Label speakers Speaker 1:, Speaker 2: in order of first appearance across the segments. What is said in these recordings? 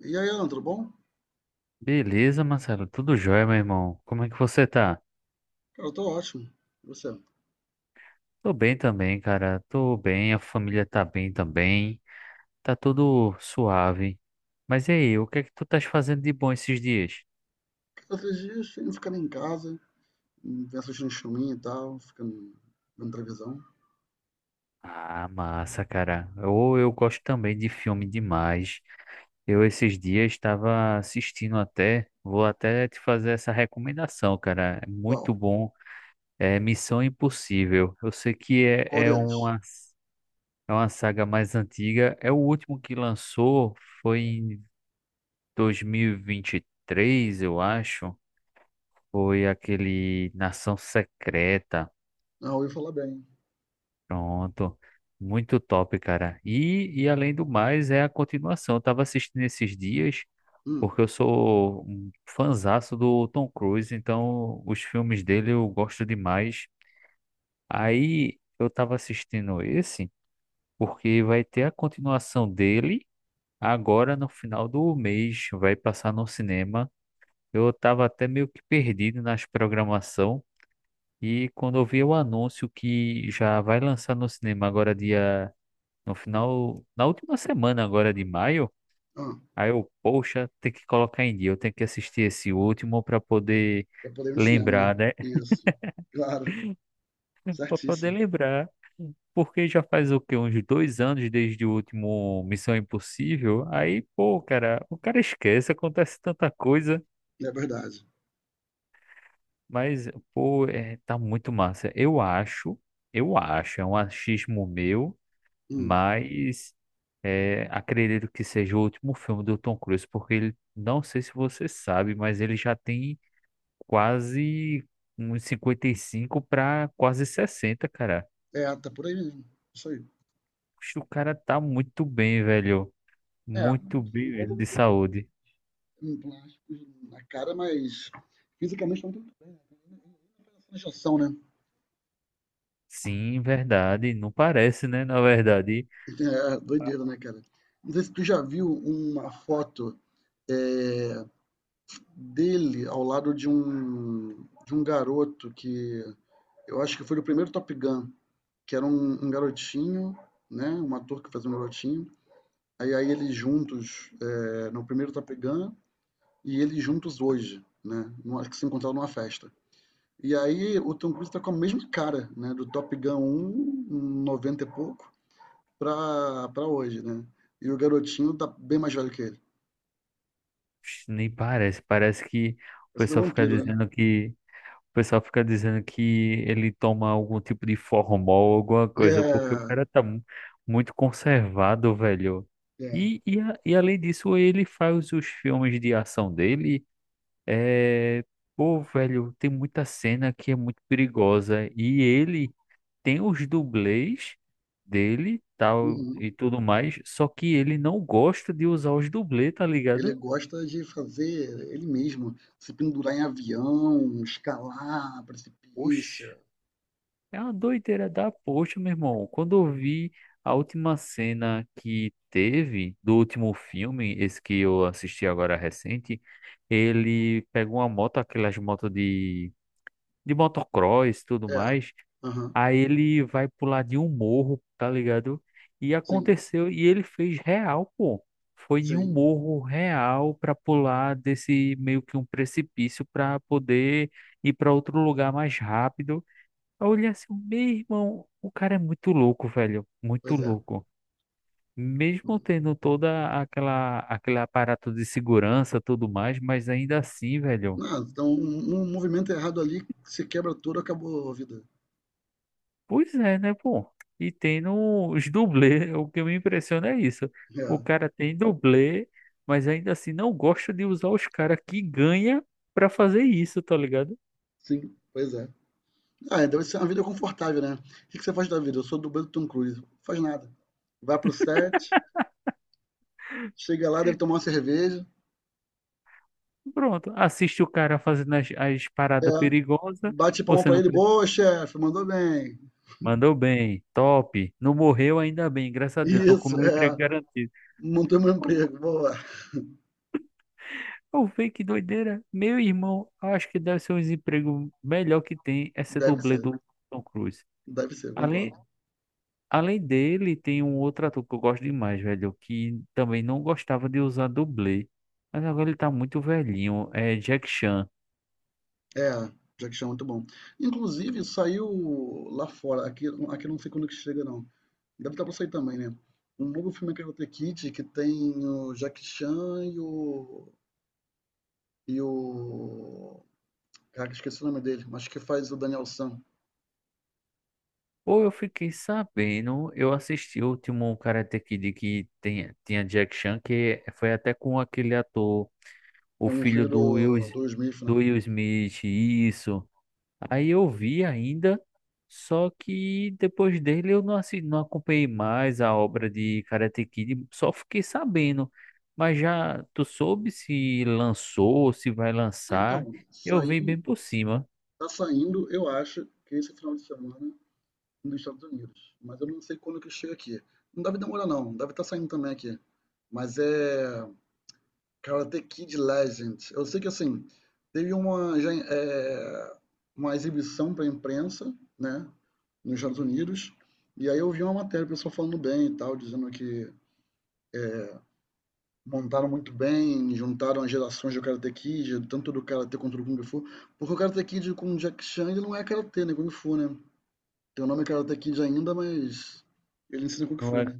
Speaker 1: E aí, Ana, tudo bom?
Speaker 2: Beleza, Marcelo, tudo jóia, meu irmão. Como é que você tá?
Speaker 1: Cara, eu tô ótimo. E você?
Speaker 2: Tô bem também, cara. Tô bem, a família tá bem também. Tá tudo suave. Mas e aí, o que é que tu estás fazendo de bom esses dias?
Speaker 1: Cara, esses dias eu ficando em casa, vendo assistindo um filminho e tal, ficando vendo televisão.
Speaker 2: Ah, massa, cara. Ou eu, gosto também de filme demais. Eu esses dias estava assistindo até, vou até te fazer essa recomendação, cara. É muito
Speaker 1: Uau,
Speaker 2: bom. É Missão Impossível. Eu sei que é,
Speaker 1: qual
Speaker 2: é
Speaker 1: deles?
Speaker 2: uma É uma saga mais antiga. É o último que lançou, foi em 2023, eu acho. Foi aquele Nação Secreta.
Speaker 1: Ah, ouvi falar bem.
Speaker 2: Pronto. Muito top, cara. E além do mais, é a continuação. Eu tava assistindo esses dias,
Speaker 1: Hum.
Speaker 2: porque eu sou um fanzaço do Tom Cruise, então os filmes dele eu gosto demais. Aí eu tava assistindo esse, porque vai ter a continuação dele. Agora, no final do mês, vai passar no cinema. Eu estava até meio que perdido nas programação e quando eu vi o anúncio que já vai lançar no cinema agora dia no final, na última semana agora de maio,
Speaker 1: Ah,
Speaker 2: aí eu, poxa, tem que colocar em dia, eu tenho que assistir esse último para poder
Speaker 1: pra poder ir no cinema, né?
Speaker 2: lembrar, né?
Speaker 1: Isso, claro,
Speaker 2: Para poder
Speaker 1: certíssimo.
Speaker 2: lembrar, porque já faz o quê? Uns dois anos desde o último Missão Impossível. Aí, pô, cara, o cara esquece, acontece tanta coisa.
Speaker 1: É verdade.
Speaker 2: Mas, pô, é, tá muito massa. Eu acho, é um achismo meu,
Speaker 1: Hum.
Speaker 2: mas é, acredito que seja o último filme do Tom Cruise, porque ele, não sei se você sabe, mas ele já tem quase uns 55 para quase 60 cara.
Speaker 1: É, tá por aí mesmo. Isso aí.
Speaker 2: Poxa, o cara tá muito bem, velho.
Speaker 1: É,
Speaker 2: Muito bem
Speaker 1: cinquenta
Speaker 2: mesmo de
Speaker 1: mil pessoas
Speaker 2: saúde.
Speaker 1: em plásticos na cara, mas fisicamente não tem muita diferença na injeção, né?
Speaker 2: Sim, verdade. Não parece, né? Na verdade,
Speaker 1: É, doideira, né, cara? Não sei se tu já viu uma foto é, dele ao lado de um garoto que eu acho que foi o primeiro Top Gun, que era um garotinho, né? Um ator que fazia um garotinho. Aí eles juntos no primeiro Top Gun e eles juntos hoje, né? Numa, que se encontraram numa festa. E aí o Tom Cruise tá com a mesma cara, né? Do Top Gun um um 90 e pouco, pra hoje, né? E o garotinho tá bem mais velho que ele.
Speaker 2: nem parece. Parece que o
Speaker 1: Esse é um
Speaker 2: pessoal fica
Speaker 1: vampiro, né?
Speaker 2: dizendo que. O pessoal fica dizendo que ele toma algum tipo de formol, alguma coisa, porque o
Speaker 1: É,
Speaker 2: cara tá muito conservado, velho.
Speaker 1: é.
Speaker 2: E, e além disso, ele faz os filmes de ação dele. É... Pô, velho, tem muita cena que é muito perigosa. E ele tem os dublês dele, tal,
Speaker 1: Uhum.
Speaker 2: e tudo mais. Só que ele não gosta de usar os dublês, tá
Speaker 1: Ele
Speaker 2: ligado?
Speaker 1: gosta de fazer ele mesmo, se pendurar em avião, escalar
Speaker 2: Oxi.
Speaker 1: precipício.
Speaker 2: É uma doideira da poxa, meu irmão. Quando eu vi a última cena que teve do último filme, esse que eu assisti agora recente, ele pega uma moto, aquelas motos de motocross e tudo
Speaker 1: É.
Speaker 2: mais,
Speaker 1: Aham.
Speaker 2: aí ele vai pular de um morro, tá ligado? E
Speaker 1: Sim,
Speaker 2: aconteceu, e ele fez real, pô. Foi em um
Speaker 1: sim.
Speaker 2: morro real pra pular desse meio que um precipício pra poder ir pra outro lugar mais rápido. Eu olhei assim, meu irmão, o cara é muito louco, velho, muito
Speaker 1: Pois é.
Speaker 2: louco. Mesmo tendo toda aquela aquele aparato de segurança, tudo mais, mas ainda assim, velho.
Speaker 1: Não, então um, movimento errado ali, se quebra tudo, acabou a vida.
Speaker 2: Pois é, né, pô? E tendo os dublês, o que me impressiona é isso. O
Speaker 1: É.
Speaker 2: cara tem dublê, mas ainda assim não gosta de usar os caras que ganha pra fazer isso, tá ligado?
Speaker 1: Sim, pois é. Ah, é, deve ser uma vida confortável, né? O que que você faz da vida? Eu sou dublê do Tom Cruise. Faz nada. Vai pro set, chega lá, deve tomar uma cerveja.
Speaker 2: Pronto, assiste o cara fazendo as
Speaker 1: É.
Speaker 2: paradas perigosas,
Speaker 1: Bate palma
Speaker 2: você
Speaker 1: pra
Speaker 2: não
Speaker 1: ele.
Speaker 2: precisa.
Speaker 1: Boa, chefe, mandou bem.
Speaker 2: Mandou bem, top. Não morreu ainda bem, graças a Deus. Tô com
Speaker 1: Isso,
Speaker 2: meu emprego
Speaker 1: é.
Speaker 2: garantido.
Speaker 1: Mantém meu
Speaker 2: Pô,
Speaker 1: emprego. Boa.
Speaker 2: eu vi que doideira. Meu irmão, acho que deve ser um emprego melhor que tem essa
Speaker 1: Deve
Speaker 2: dublê
Speaker 1: ser,
Speaker 2: do Tom Cruise.
Speaker 1: deve ser, concordo.
Speaker 2: Além, além dele, tem um outro ator que eu gosto demais, velho, que também não gostava de usar dublê. Mas agora ele tá muito velhinho, é Jack Chan.
Speaker 1: É, Jack Chan é muito bom. Inclusive, saiu lá fora, aqui, eu não sei quando que chega, não. Deve estar para sair também, né? Um novo filme que é o The Kid que tem o Jack Chan e o. E o. Caraca, esqueci o nome dele, mas que faz o Daniel San,
Speaker 2: Ou eu fiquei sabendo, eu assisti o último Karate Kid que tem, tinha Jack Chan, que foi até com aquele ator. O
Speaker 1: com o
Speaker 2: filho
Speaker 1: filho do Will Smith, né?
Speaker 2: do Will Smith, isso. Aí eu vi ainda, só que depois dele eu não, não acompanhei mais a obra de Karate Kid, só fiquei sabendo. Mas já tu soube se lançou, se vai lançar?
Speaker 1: Então,
Speaker 2: Eu vi
Speaker 1: saiu,
Speaker 2: bem por cima,
Speaker 1: tá saindo, eu acho, que esse final de semana dos Estados Unidos, mas eu não sei quando que chega aqui. Não deve demorar, não. Deve estar saindo também aqui. Mas é Karate Kid Legend. Eu sei que assim, teve já, uma exibição para a imprensa, né, nos Estados Unidos, e aí eu vi uma matéria, o pessoal falando bem e tal, dizendo que montaram muito bem, juntaram as gerações do Karate Kid, tanto do Karate quanto do Kung Fu, porque o Karate Kid com o Jack Chan ele não é Karate, né, Kung Fu, né? Tem o nome Karate Kid ainda, mas ele ensina Kung
Speaker 2: não
Speaker 1: Fu,
Speaker 2: é?
Speaker 1: né?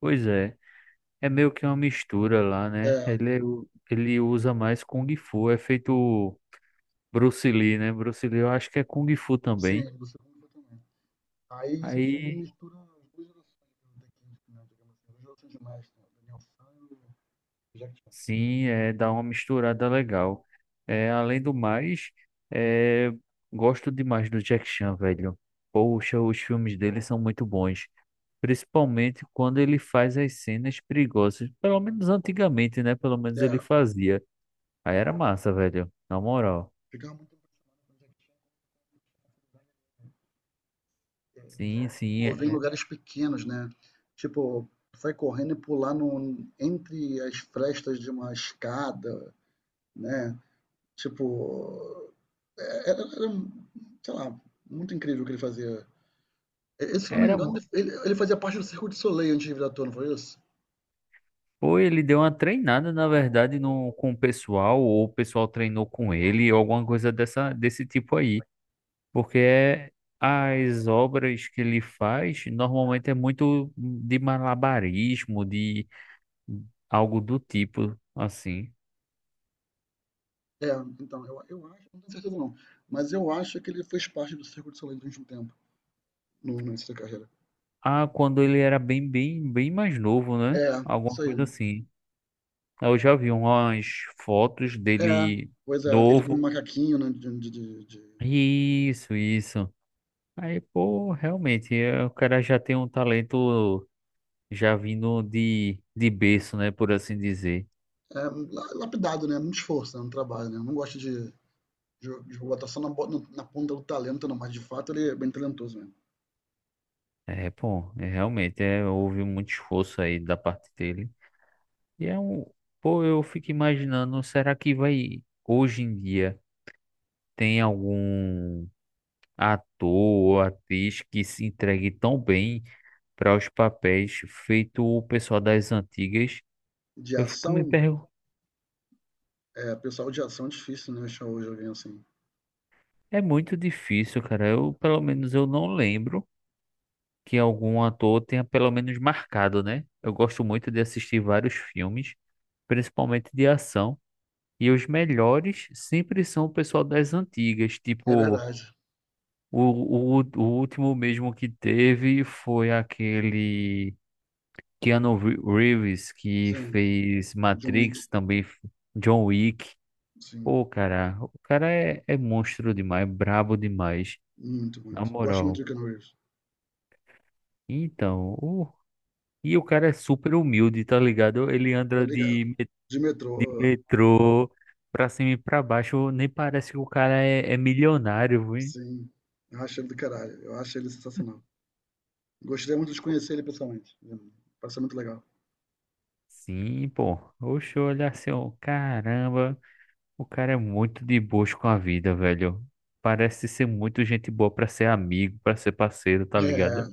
Speaker 2: Pois é, é meio que uma mistura lá, né?
Speaker 1: É,
Speaker 2: Ele, ele usa mais Kung Fu, é feito Bruce Lee, né? Bruce Lee eu acho que é Kung Fu também.
Speaker 1: sim, você segundo também. Aí esse filme
Speaker 2: Aí
Speaker 1: mistura as duas gerações do The Kid, né, digamos assim, as duas gerações de mestre, né, Daniel San e o Jack Chan.
Speaker 2: sim, é, dá uma misturada legal. É, além do mais, é, gosto demais do Jack Chan, velho. Poxa, os filmes dele são muito bons. Principalmente quando ele faz as cenas perigosas. Pelo menos antigamente, né? Pelo menos ele
Speaker 1: É,
Speaker 2: fazia. Aí era massa, velho. Na moral.
Speaker 1: ficava muito impressionado com o Jack Chan, como ele tinha facilidade de se
Speaker 2: Sim.
Speaker 1: mover em lugares pequenos, né? Tipo, sai correndo e pular no, entre as frestas de uma escada, né? Tipo, é, era, era, sei lá, muito incrível o que ele fazia. E- Esse, se não me
Speaker 2: Era.
Speaker 1: engano, ele, fazia parte do Circo de Soleil antes de virar ator, não foi isso?
Speaker 2: Pô, ele deu uma treinada, na verdade, no, com o pessoal, ou o pessoal treinou com ele, ou alguma coisa dessa, desse tipo aí. Porque é, as obras que ele faz normalmente é muito de malabarismo, de algo do tipo, assim.
Speaker 1: É, então, eu acho, não tenho certeza não, mas eu acho que ele fez parte do Circo de Soleil durante um tempo, no início da carreira.
Speaker 2: Ah, quando ele era bem mais novo, né?
Speaker 1: É,
Speaker 2: Alguma
Speaker 1: isso aí.
Speaker 2: coisa assim. Eu já vi umas fotos
Speaker 1: É,
Speaker 2: dele
Speaker 1: pois é, ele com um
Speaker 2: novo.
Speaker 1: macaquinho, né,
Speaker 2: Isso, isso. Aí, pô, realmente, é, o cara já tem um talento já vindo de berço, né? Por assim dizer.
Speaker 1: lapidado, né, muito esforço, né, no trabalho, né, não gosto de botar só na, na ponta do talento, não, mas de fato ele é bem talentoso mesmo.
Speaker 2: É, pô, é, realmente é, houve muito esforço aí da parte dele. E é um, pô, eu fico imaginando, será que vai, hoje em dia, tem algum ator ou atriz que se entregue tão bem para os papéis feito o pessoal das antigas?
Speaker 1: De
Speaker 2: Eu fico me
Speaker 1: ação,
Speaker 2: perguntando,
Speaker 1: é, pessoal de ação é difícil, né, achar hoje alguém assim.
Speaker 2: é muito difícil, cara. Eu, pelo menos, eu não lembro que algum ator tenha pelo menos marcado, né? Eu gosto muito de assistir vários filmes, principalmente de ação. E os melhores sempre são o pessoal das antigas,
Speaker 1: É
Speaker 2: tipo,
Speaker 1: verdade,
Speaker 2: o, o último mesmo que teve foi aquele Reeves, que
Speaker 1: sim,
Speaker 2: fez
Speaker 1: John Wick,
Speaker 2: Matrix, John Wick.
Speaker 1: sim,
Speaker 2: Pô, cara, o cara é, é monstro demais, brabo demais,
Speaker 1: muito,
Speaker 2: na
Speaker 1: muito. Gosto muito
Speaker 2: moral.
Speaker 1: do Keanu Reeves,
Speaker 2: Então, o cara é super humilde, tá ligado? Ele
Speaker 1: tô
Speaker 2: anda
Speaker 1: ligado. De
Speaker 2: de
Speaker 1: metrô,
Speaker 2: metrô pra cima e pra baixo, nem parece que o cara é, é milionário.
Speaker 1: sim, eu acho ele do caralho. Eu acho ele sensacional. Gostaria muito de conhecer ele pessoalmente. Parece muito legal.
Speaker 2: Sim, pô. Oxe, olha assim, ó, caramba, o cara é muito de boas com a vida, velho. Parece ser muito gente boa pra ser amigo, pra ser parceiro, tá
Speaker 1: É,
Speaker 2: ligado?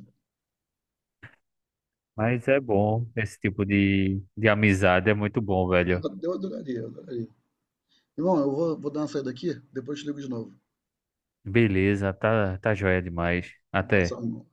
Speaker 2: Mas é bom, esse tipo de amizade é muito bom, velho.
Speaker 1: eu adoraria, eu adoraria. Irmão, eu vou dar uma saída aqui, depois te ligo de novo.
Speaker 2: Beleza, tá, tá joia demais.
Speaker 1: Um
Speaker 2: Até.
Speaker 1: abração.